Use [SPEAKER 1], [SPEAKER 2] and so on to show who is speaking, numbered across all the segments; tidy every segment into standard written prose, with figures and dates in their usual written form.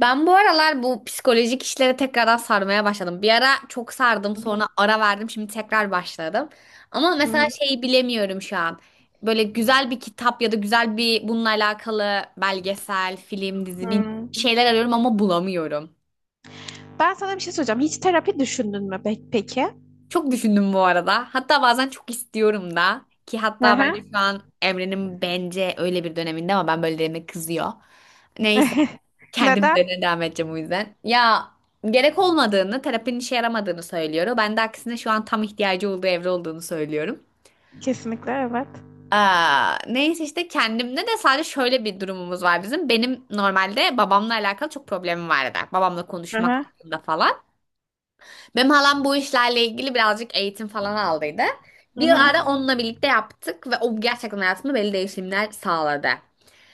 [SPEAKER 1] Ben bu aralar bu psikolojik işlere tekrardan sarmaya başladım. Bir ara çok sardım,
[SPEAKER 2] Hı hı,
[SPEAKER 1] sonra ara verdim, şimdi tekrar başladım. Ama
[SPEAKER 2] hı
[SPEAKER 1] mesela
[SPEAKER 2] hı,
[SPEAKER 1] şeyi bilemiyorum şu an. Böyle güzel bir kitap ya da güzel bir bununla alakalı belgesel, film, dizi bir
[SPEAKER 2] hı.
[SPEAKER 1] şeyler arıyorum ama bulamıyorum.
[SPEAKER 2] Ben sana bir şey soracağım. Hiç terapi düşündün mü peki?
[SPEAKER 1] Çok düşündüm bu arada. Hatta bazen çok istiyorum da ki
[SPEAKER 2] Hı
[SPEAKER 1] hatta bence
[SPEAKER 2] hı.
[SPEAKER 1] şu an Emre'nin bence öyle bir döneminde ama ben böyle dediğime kızıyor. Neyse. Kendi
[SPEAKER 2] Neden?
[SPEAKER 1] üzerine devam edeceğim o yüzden. Ya gerek olmadığını, terapinin işe yaramadığını söylüyor. Ben de aksine şu an tam ihtiyacı olduğu evre olduğunu söylüyorum.
[SPEAKER 2] Kesinlikle evet.
[SPEAKER 1] Aa, neyse işte kendimde de sadece şöyle bir durumumuz var bizim. Benim normalde babamla alakalı çok problemim vardı. Babamla
[SPEAKER 2] Hı
[SPEAKER 1] konuşmak
[SPEAKER 2] hı.
[SPEAKER 1] hakkında falan. Benim halam bu işlerle ilgili birazcık eğitim falan aldıydı.
[SPEAKER 2] Hı
[SPEAKER 1] Bir
[SPEAKER 2] hı.
[SPEAKER 1] ara onunla birlikte yaptık ve o gerçekten hayatımda belli değişimler sağladı.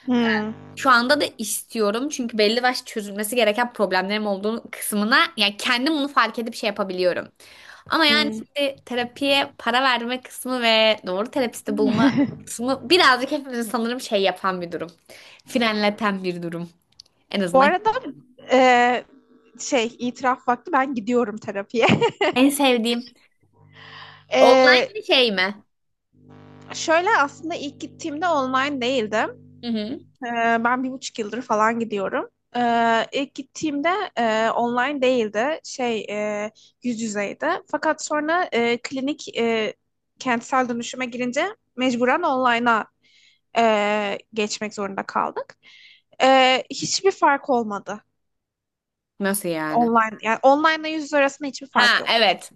[SPEAKER 2] Hı,
[SPEAKER 1] Şu anda da istiyorum çünkü belli başlı çözülmesi gereken problemlerim olduğunu kısmına yani kendim bunu fark edip şey yapabiliyorum. Ama yani
[SPEAKER 2] hı.
[SPEAKER 1] şimdi terapiye para verme kısmı ve doğru terapisti bulma kısmı birazcık hepimizi sanırım şey yapan bir durum. Frenleten bir durum. En
[SPEAKER 2] Bu
[SPEAKER 1] azından
[SPEAKER 2] arada, e, şey itiraf vakti ben gidiyorum terapiye.
[SPEAKER 1] en sevdiğim. Online
[SPEAKER 2] E,
[SPEAKER 1] bir şey mi?
[SPEAKER 2] şöyle aslında ilk gittiğimde online değildim.
[SPEAKER 1] Hı hı.
[SPEAKER 2] Ben 1,5 yıldır falan gidiyorum. İlk gittiğimde online değildi, şey, e, yüz yüzeydi. Fakat sonra klinik, kentsel dönüşüme girince mecburen online'a geçmek zorunda kaldık. Hiçbir fark olmadı
[SPEAKER 1] Nasıl yani?
[SPEAKER 2] online, yani online ile yüz yüze arasında hiçbir fark
[SPEAKER 1] Ha,
[SPEAKER 2] yok.
[SPEAKER 1] evet.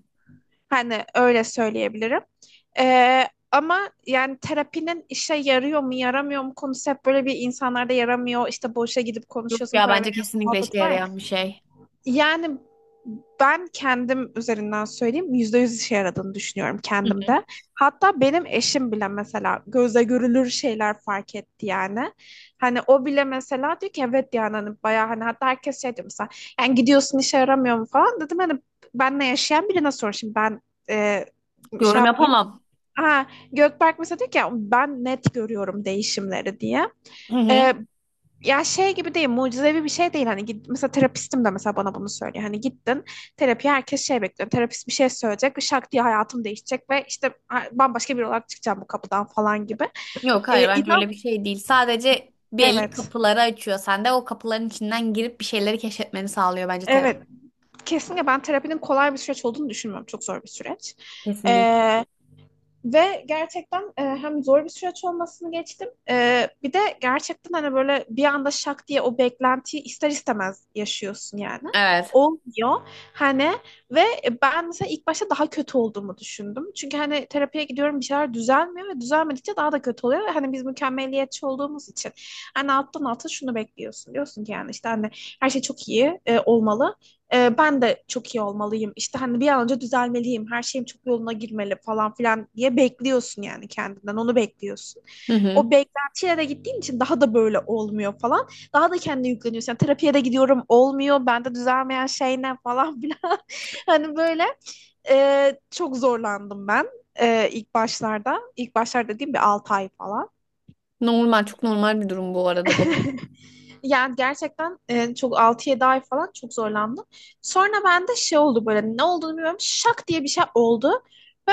[SPEAKER 2] Hani öyle söyleyebilirim. Ee, ama yani terapinin işe yarıyor mu yaramıyor mu konusu hep böyle bir insanlarda yaramıyor. İşte boşa gidip
[SPEAKER 1] Yok
[SPEAKER 2] konuşuyorsun,
[SPEAKER 1] ya
[SPEAKER 2] para
[SPEAKER 1] bence
[SPEAKER 2] veriyorsun,
[SPEAKER 1] kesinlikle işe
[SPEAKER 2] muhabbet var ya.
[SPEAKER 1] yarayan bir şey.
[SPEAKER 2] Yani ben kendim üzerinden söyleyeyim, %100 işe yaradığını düşünüyorum
[SPEAKER 1] Hı hı.
[SPEAKER 2] kendimde. Hatta benim eşim bile mesela gözle görülür şeyler fark etti yani. Hani o bile mesela diyor ki evet yani hani bayağı hani, hatta herkes şey diyor mesela, yani gidiyorsun işe yaramıyor mu falan dedim hani, benle yaşayan birine sor şimdi ben e, şey
[SPEAKER 1] Yorum
[SPEAKER 2] yapmayayım.
[SPEAKER 1] yapamam.
[SPEAKER 2] Ha, Gökberk mesela diyor ki "Ya ben net görüyorum değişimleri" diye.
[SPEAKER 1] Hı hı.
[SPEAKER 2] E, ya şey gibi değil, mucizevi bir şey değil. Hani git, mesela terapistim de mesela bana bunu söylüyor. Hani gittin terapiye, herkes şey bekliyor. Terapist bir şey söyleyecek ve şak diye hayatım değişecek ve işte bambaşka biri olarak çıkacağım bu kapıdan falan gibi.
[SPEAKER 1] Yok, hayır, bence
[SPEAKER 2] İnan,
[SPEAKER 1] öyle bir şey değil. Sadece belli
[SPEAKER 2] evet.
[SPEAKER 1] kapıları açıyor. Sen de o kapıların içinden girip bir şeyleri keşfetmeni sağlıyor bence terapi.
[SPEAKER 2] Evet, kesinlikle ben terapinin kolay bir süreç olduğunu düşünmüyorum. Çok zor bir süreç.
[SPEAKER 1] Kesinlikle.
[SPEAKER 2] Ee, Ve gerçekten hem zor bir süreç olmasını geçtim. Bir de gerçekten hani böyle bir anda şak diye o beklentiyi ister istemez yaşıyorsun yani.
[SPEAKER 1] Evet.
[SPEAKER 2] Olmuyor, hani, ve ben mesela ilk başta daha kötü olduğumu düşündüm. Çünkü hani terapiye gidiyorum, bir şeyler düzelmiyor ve düzelmedikçe daha da kötü oluyor. Ve hani biz mükemmeliyetçi olduğumuz için hani alttan alta şunu bekliyorsun. Diyorsun ki yani işte hani her şey çok iyi olmalı, ben de çok iyi olmalıyım. İşte hani bir an önce düzelmeliyim. Her şeyim çok yoluna girmeli falan filan diye bekliyorsun yani kendinden. Onu bekliyorsun.
[SPEAKER 1] Hı hı.
[SPEAKER 2] O beklentiye de gittiğin için daha da böyle olmuyor falan. Daha da kendine yükleniyorsun. Yani terapiye de gidiyorum, olmuyor. Bende düzelmeyen şey ne falan filan. Hani böyle çok zorlandım ben. E, ilk başlarda. İlk başlarda dediğim bir 6 ay falan.
[SPEAKER 1] Normal, çok normal bir durum bu arada bu.
[SPEAKER 2] Yani gerçekten, çok 6-7 ay falan çok zorlandım. Sonra bende şey oldu, böyle ne olduğunu bilmiyorum, şak diye bir şey oldu. Ve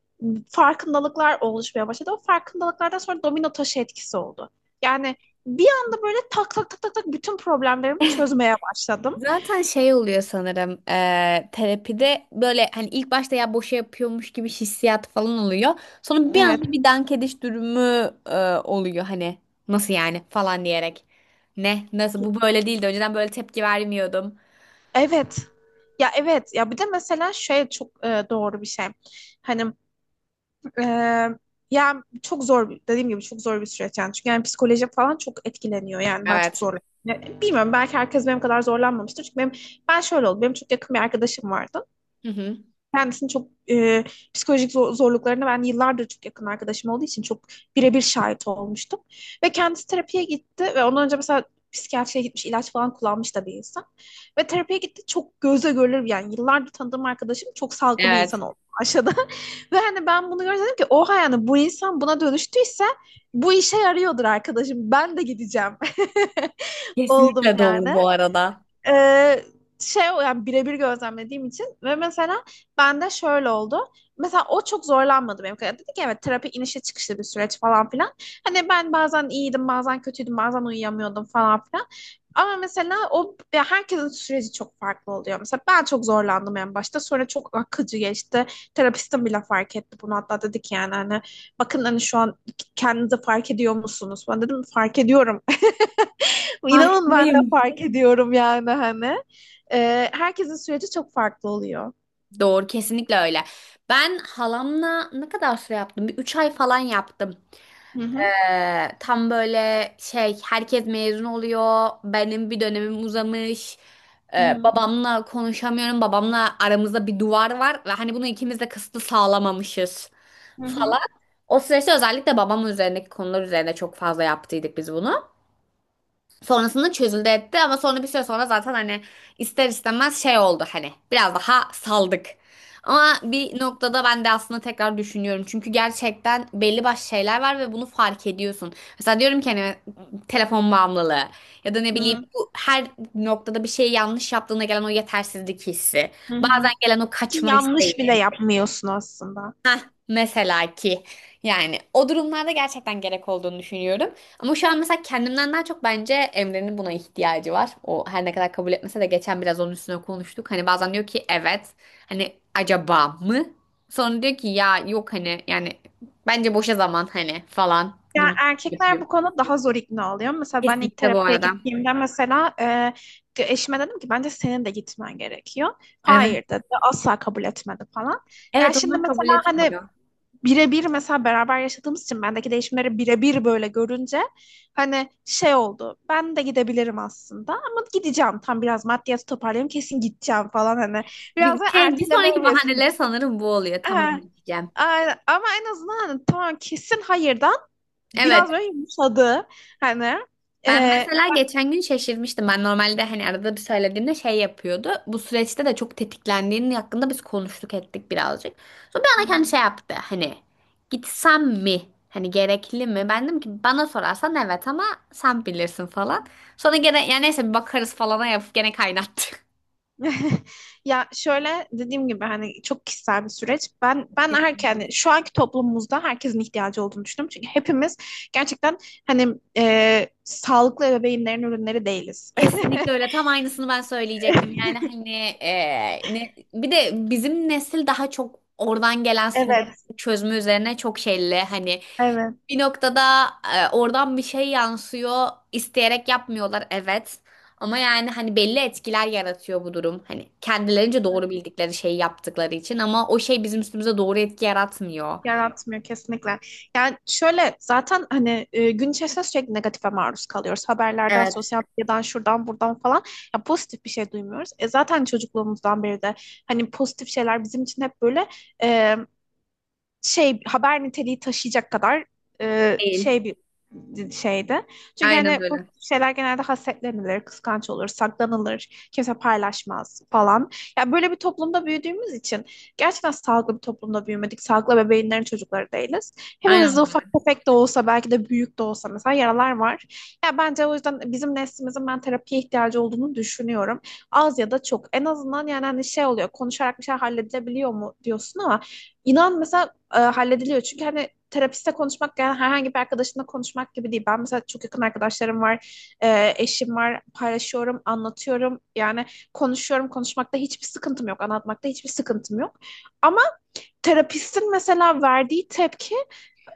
[SPEAKER 2] ben, farkındalıklar oluşmaya başladı. O farkındalıklardan sonra domino taşı etkisi oldu. Yani bir anda böyle tak tak tak tak tak bütün problemlerimi çözmeye başladım.
[SPEAKER 1] Zaten şey oluyor sanırım terapide böyle hani ilk başta ya boşa yapıyormuş gibi hissiyat falan oluyor. Sonra bir
[SPEAKER 2] Evet.
[SPEAKER 1] anda bir dank ediş durumu oluyor hani nasıl yani falan diyerek. Ne? Nasıl? Bu böyle değildi. Önceden böyle tepki vermiyordum.
[SPEAKER 2] Evet. Ya evet. Ya bir de mesela şey çok doğru bir şey. Hani, Ee, yani çok dediğim gibi çok zor bir süreç yani, çünkü yani psikoloji falan çok etkileniyor yani, ben çok
[SPEAKER 1] Evet.
[SPEAKER 2] zorlanıyorum. Ya, bilmiyorum, belki herkes benim kadar zorlanmamıştır çünkü benim, ben şöyle oldu, benim çok yakın bir arkadaşım vardı,
[SPEAKER 1] Hı hı.
[SPEAKER 2] kendisini çok, psikolojik zorluklarına, ben yıllardır çok yakın arkadaşım olduğu için çok birebir şahit olmuştum. Ve kendisi terapiye gitti ve ondan önce mesela psikiyatriye gitmiş, ilaç falan kullanmış da bir insan. Ve terapiye gitti, çok göze görülür, yani yıllardır tanıdığım arkadaşım çok sağlıklı bir insan
[SPEAKER 1] Evet.
[SPEAKER 2] oldu aşağıda. Ve hani ben bunu gördüm, dedim ki oha, yani bu insan buna dönüştüyse bu işe yarıyordur arkadaşım, ben de gideceğim oldum
[SPEAKER 1] Kesinlikle doğru
[SPEAKER 2] yani.
[SPEAKER 1] bu arada.
[SPEAKER 2] Ee, Şey, yani birebir gözlemlediğim için ve mesela bende şöyle oldu. Mesela o çok zorlanmadı benim kadar. Dedi ki evet, terapi inişe çıkışlı bir süreç falan filan. Hani ben bazen iyiydim, bazen kötüydüm, bazen uyuyamıyordum falan filan. Ama mesela o, ya herkesin süreci çok farklı oluyor. Mesela ben çok zorlandım en başta. Sonra çok akıcı geçti. Terapistim bile fark etti bunu. Hatta dedi ki yani hani bakın, hani şu an kendinizi fark ediyor musunuz? Ben dedim fark ediyorum. İnanın, ben de
[SPEAKER 1] Farkındayım.
[SPEAKER 2] fark ediyorum yani hani. Herkesin süreci çok farklı oluyor.
[SPEAKER 1] Doğru, kesinlikle öyle. Ben halamla ne kadar süre yaptım? Bir 3 ay falan yaptım.
[SPEAKER 2] Hı hı,
[SPEAKER 1] Tam böyle şey herkes mezun oluyor. Benim bir dönemim uzamış.
[SPEAKER 2] hı hı,
[SPEAKER 1] Babamla konuşamıyorum. Babamla aramızda bir duvar var ve hani bunu ikimiz de kısıtlı sağlamamışız
[SPEAKER 2] hı
[SPEAKER 1] falan.
[SPEAKER 2] hı,
[SPEAKER 1] O süreçte özellikle babam üzerindeki konular üzerine çok fazla yaptıydık biz bunu. Sonrasında çözüldü etti ama sonra bir süre sonra zaten hani ister istemez şey oldu hani biraz daha saldık. Ama bir noktada ben de aslında tekrar düşünüyorum. Çünkü gerçekten belli başlı şeyler var ve bunu fark ediyorsun. Mesela diyorum ki hani telefon bağımlılığı ya da ne
[SPEAKER 2] hı
[SPEAKER 1] bileyim
[SPEAKER 2] hı,
[SPEAKER 1] bu her noktada bir şeyi yanlış yaptığında gelen o yetersizlik hissi.
[SPEAKER 2] hı hı.
[SPEAKER 1] Bazen gelen o
[SPEAKER 2] Ki
[SPEAKER 1] kaçma
[SPEAKER 2] yanlış bile
[SPEAKER 1] isteği.
[SPEAKER 2] yapmıyorsun aslında.
[SPEAKER 1] Mesela ki yani o durumlarda gerçekten gerek olduğunu düşünüyorum. Ama şu an mesela kendimden daha çok bence Emre'nin buna ihtiyacı var. O her ne kadar kabul etmese de geçen biraz onun üstüne konuştuk. Hani bazen diyor ki evet, hani acaba mı? Sonra diyor ki ya yok hani yani bence boşa zaman hani falan
[SPEAKER 2] Yani
[SPEAKER 1] gibi
[SPEAKER 2] erkekler
[SPEAKER 1] yapıyor.
[SPEAKER 2] bu konuda daha zor ikna oluyor. Mesela ben ilk
[SPEAKER 1] Kesinlikle bu
[SPEAKER 2] terapiye
[SPEAKER 1] arada.
[SPEAKER 2] gittiğimde mesela eşime dedim ki bence senin de gitmen gerekiyor.
[SPEAKER 1] Evet.
[SPEAKER 2] Hayır dedi. Asla kabul etmedi falan. Ya
[SPEAKER 1] Evet,
[SPEAKER 2] şimdi
[SPEAKER 1] onlar kabul
[SPEAKER 2] mesela hani,
[SPEAKER 1] etmiyor.
[SPEAKER 2] birebir mesela beraber yaşadığımız için bendeki değişimleri birebir böyle görünce hani şey oldu. Ben de gidebilirim aslında, ama gideceğim. Tam biraz maddiyatı toparlayayım, kesin gideceğim falan hani.
[SPEAKER 1] Bir
[SPEAKER 2] Biraz da
[SPEAKER 1] şey bir
[SPEAKER 2] erteleme
[SPEAKER 1] sonraki
[SPEAKER 2] evresi.
[SPEAKER 1] bahaneler sanırım bu oluyor. Tamam
[SPEAKER 2] Ha,
[SPEAKER 1] diyeceğim.
[SPEAKER 2] aynen. Ama en azından hani, tamam, kesin hayırdan
[SPEAKER 1] Evet.
[SPEAKER 2] biraz böyle yumuşadı. Hani.
[SPEAKER 1] Ben
[SPEAKER 2] e,
[SPEAKER 1] mesela geçen gün şaşırmıştım. Ben normalde hani arada bir söylediğimde şey yapıyordu. Bu süreçte de çok tetiklendiğinin hakkında biz konuştuk ettik birazcık. Sonra bir ana kendi şey yaptı. Hani gitsem mi? Hani gerekli mi? Ben dedim ki bana sorarsan evet ama sen bilirsin falan. Sonra gene yani neyse bir bakarız falana yapıp gene kaynattı.
[SPEAKER 2] Ya şöyle dediğim gibi hani çok kişisel bir süreç. Ben erken, yani şu anki toplumumuzda herkesin ihtiyacı olduğunu düşünüyorum. Çünkü hepimiz gerçekten hani sağlıklı ebeveynlerin ürünleri değiliz.
[SPEAKER 1] Kesinlikle öyle. Tam aynısını ben söyleyecektim. Yani hani bir de bizim nesil daha çok oradan gelen sorun
[SPEAKER 2] Evet,
[SPEAKER 1] çözme üzerine çok şeyli hani
[SPEAKER 2] evet.
[SPEAKER 1] bir noktada oradan bir şey yansıyor. İsteyerek yapmıyorlar, evet. Ama yani hani belli etkiler yaratıyor bu durum. Hani kendilerince doğru bildikleri şeyi yaptıkları için ama o şey bizim üstümüze doğru etki yaratmıyor.
[SPEAKER 2] Yaratmıyor kesinlikle. Yani şöyle, zaten hani gün içerisinde sürekli negatife maruz kalıyoruz. Haberlerden,
[SPEAKER 1] Evet.
[SPEAKER 2] sosyal medyadan, şuradan, buradan falan. Ya pozitif bir şey duymuyoruz. Zaten çocukluğumuzdan beri de hani pozitif şeyler bizim için hep böyle, e, şey, haber niteliği taşıyacak kadar
[SPEAKER 1] Değil.
[SPEAKER 2] şey bir şeydi. Çünkü
[SPEAKER 1] Aynen
[SPEAKER 2] hani bu
[SPEAKER 1] öyle.
[SPEAKER 2] şeyler genelde hasetlenilir, kıskanç olur, saklanılır, kimse paylaşmaz falan. Ya böyle bir toplumda büyüdüğümüz için gerçekten sağlıklı bir toplumda büyümedik. Sağlıklı bebeğinlerin çocukları değiliz.
[SPEAKER 1] Aynen
[SPEAKER 2] Hepimizde
[SPEAKER 1] öyle.
[SPEAKER 2] ufak tefek de olsa, belki de büyük de olsa mesela yaralar var. Ya bence o yüzden bizim neslimizin, ben terapiye ihtiyacı olduğunu düşünüyorum. Az ya da çok. En azından yani hani şey oluyor, konuşarak bir şey halledilebiliyor mu diyorsun, ama inan mesela hallediliyor. Çünkü hani terapiste konuşmak yani herhangi bir arkadaşınla konuşmak gibi değil. Ben mesela çok yakın arkadaşlarım var, eşim var, paylaşıyorum, anlatıyorum. Yani konuşuyorum, konuşmakta hiçbir sıkıntım yok, anlatmakta hiçbir sıkıntım yok. Ama terapistin mesela verdiği tepki,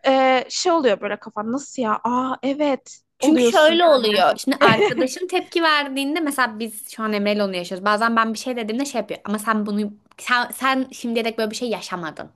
[SPEAKER 2] şey oluyor, böyle kafan nasıl ya? Aa evet
[SPEAKER 1] Çünkü
[SPEAKER 2] oluyorsun.
[SPEAKER 1] şöyle oluyor. Şimdi arkadaşım tepki verdiğinde mesela biz şu an Emre'yle onu yaşıyoruz. Bazen ben bir şey dediğimde şey yapıyor. Ama sen bunu sen şimdiye dek böyle bir şey yaşamadın.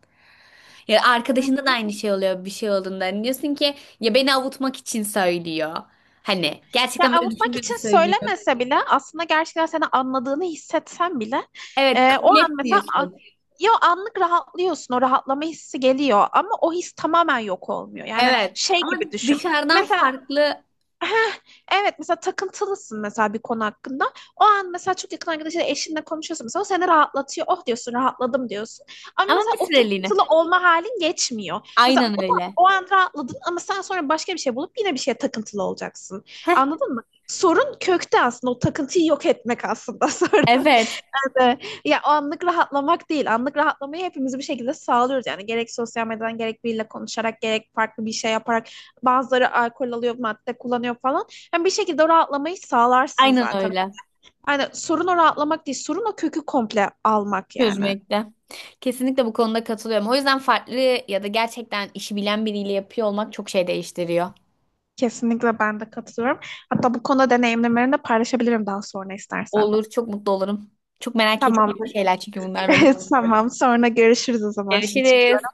[SPEAKER 1] Ya arkadaşında da aynı şey oluyor bir şey olduğunda. Hani diyorsun ki ya beni avutmak için söylüyor. Hani
[SPEAKER 2] Ya
[SPEAKER 1] gerçekten böyle
[SPEAKER 2] avutmak
[SPEAKER 1] düşünmüyordu
[SPEAKER 2] için
[SPEAKER 1] söylüyor.
[SPEAKER 2] söylemese bile, aslında gerçekten seni anladığını hissetsen bile,
[SPEAKER 1] Evet,
[SPEAKER 2] o
[SPEAKER 1] kabul
[SPEAKER 2] an mesela,
[SPEAKER 1] etmiyorsun.
[SPEAKER 2] ya anlık rahatlıyorsun, o rahatlama hissi geliyor ama o his tamamen yok olmuyor. Yani
[SPEAKER 1] Evet
[SPEAKER 2] şey
[SPEAKER 1] ama
[SPEAKER 2] gibi düşün.
[SPEAKER 1] dışarıdan
[SPEAKER 2] Mesela,
[SPEAKER 1] farklı
[SPEAKER 2] Heh, evet, mesela takıntılısın mesela bir konu hakkında. O an mesela çok yakın arkadaşıyla, eşinle konuşuyorsun, mesela o seni rahatlatıyor. Oh diyorsun, rahatladım diyorsun. Ama
[SPEAKER 1] ama
[SPEAKER 2] mesela
[SPEAKER 1] bir
[SPEAKER 2] o
[SPEAKER 1] süreliğine.
[SPEAKER 2] takıntılı olma halin geçmiyor. Mesela
[SPEAKER 1] Aynen
[SPEAKER 2] o,
[SPEAKER 1] öyle.
[SPEAKER 2] o an rahatladın ama sen sonra başka bir şey bulup yine bir şeye takıntılı olacaksın.
[SPEAKER 1] Heh,
[SPEAKER 2] Anladın mı? Sorun kökte, aslında o takıntıyı yok etmek aslında sorun.
[SPEAKER 1] evet,
[SPEAKER 2] Kesinlikle. Ya o anlık rahatlamak değil. Anlık rahatlamayı hepimiz bir şekilde sağlıyoruz. Yani gerek sosyal medyadan, gerek biriyle konuşarak, gerek farklı bir şey yaparak, bazıları alkol alıyor, madde kullanıyor falan. Yani bir şekilde o rahatlamayı sağlarsın
[SPEAKER 1] aynen
[SPEAKER 2] zaten.
[SPEAKER 1] öyle.
[SPEAKER 2] Yani sorun o rahatlamak değil, sorun o kökü komple almak yani.
[SPEAKER 1] Çözmekte. Kesinlikle bu konuda katılıyorum. O yüzden farklı ya da gerçekten işi bilen biriyle yapıyor olmak çok şey değiştiriyor.
[SPEAKER 2] Kesinlikle ben de katılıyorum. Hatta bu konuda deneyimlerimi de paylaşabilirim daha sonra istersen.
[SPEAKER 1] Olur, çok mutlu olurum. Çok merak
[SPEAKER 2] Tamam.
[SPEAKER 1] ettiğim şeyler çünkü bunlar benim.
[SPEAKER 2] Tamam. Tamam, sonra görüşürüz o zaman. Şimdi
[SPEAKER 1] Görüşürüz.
[SPEAKER 2] çıkıyorum.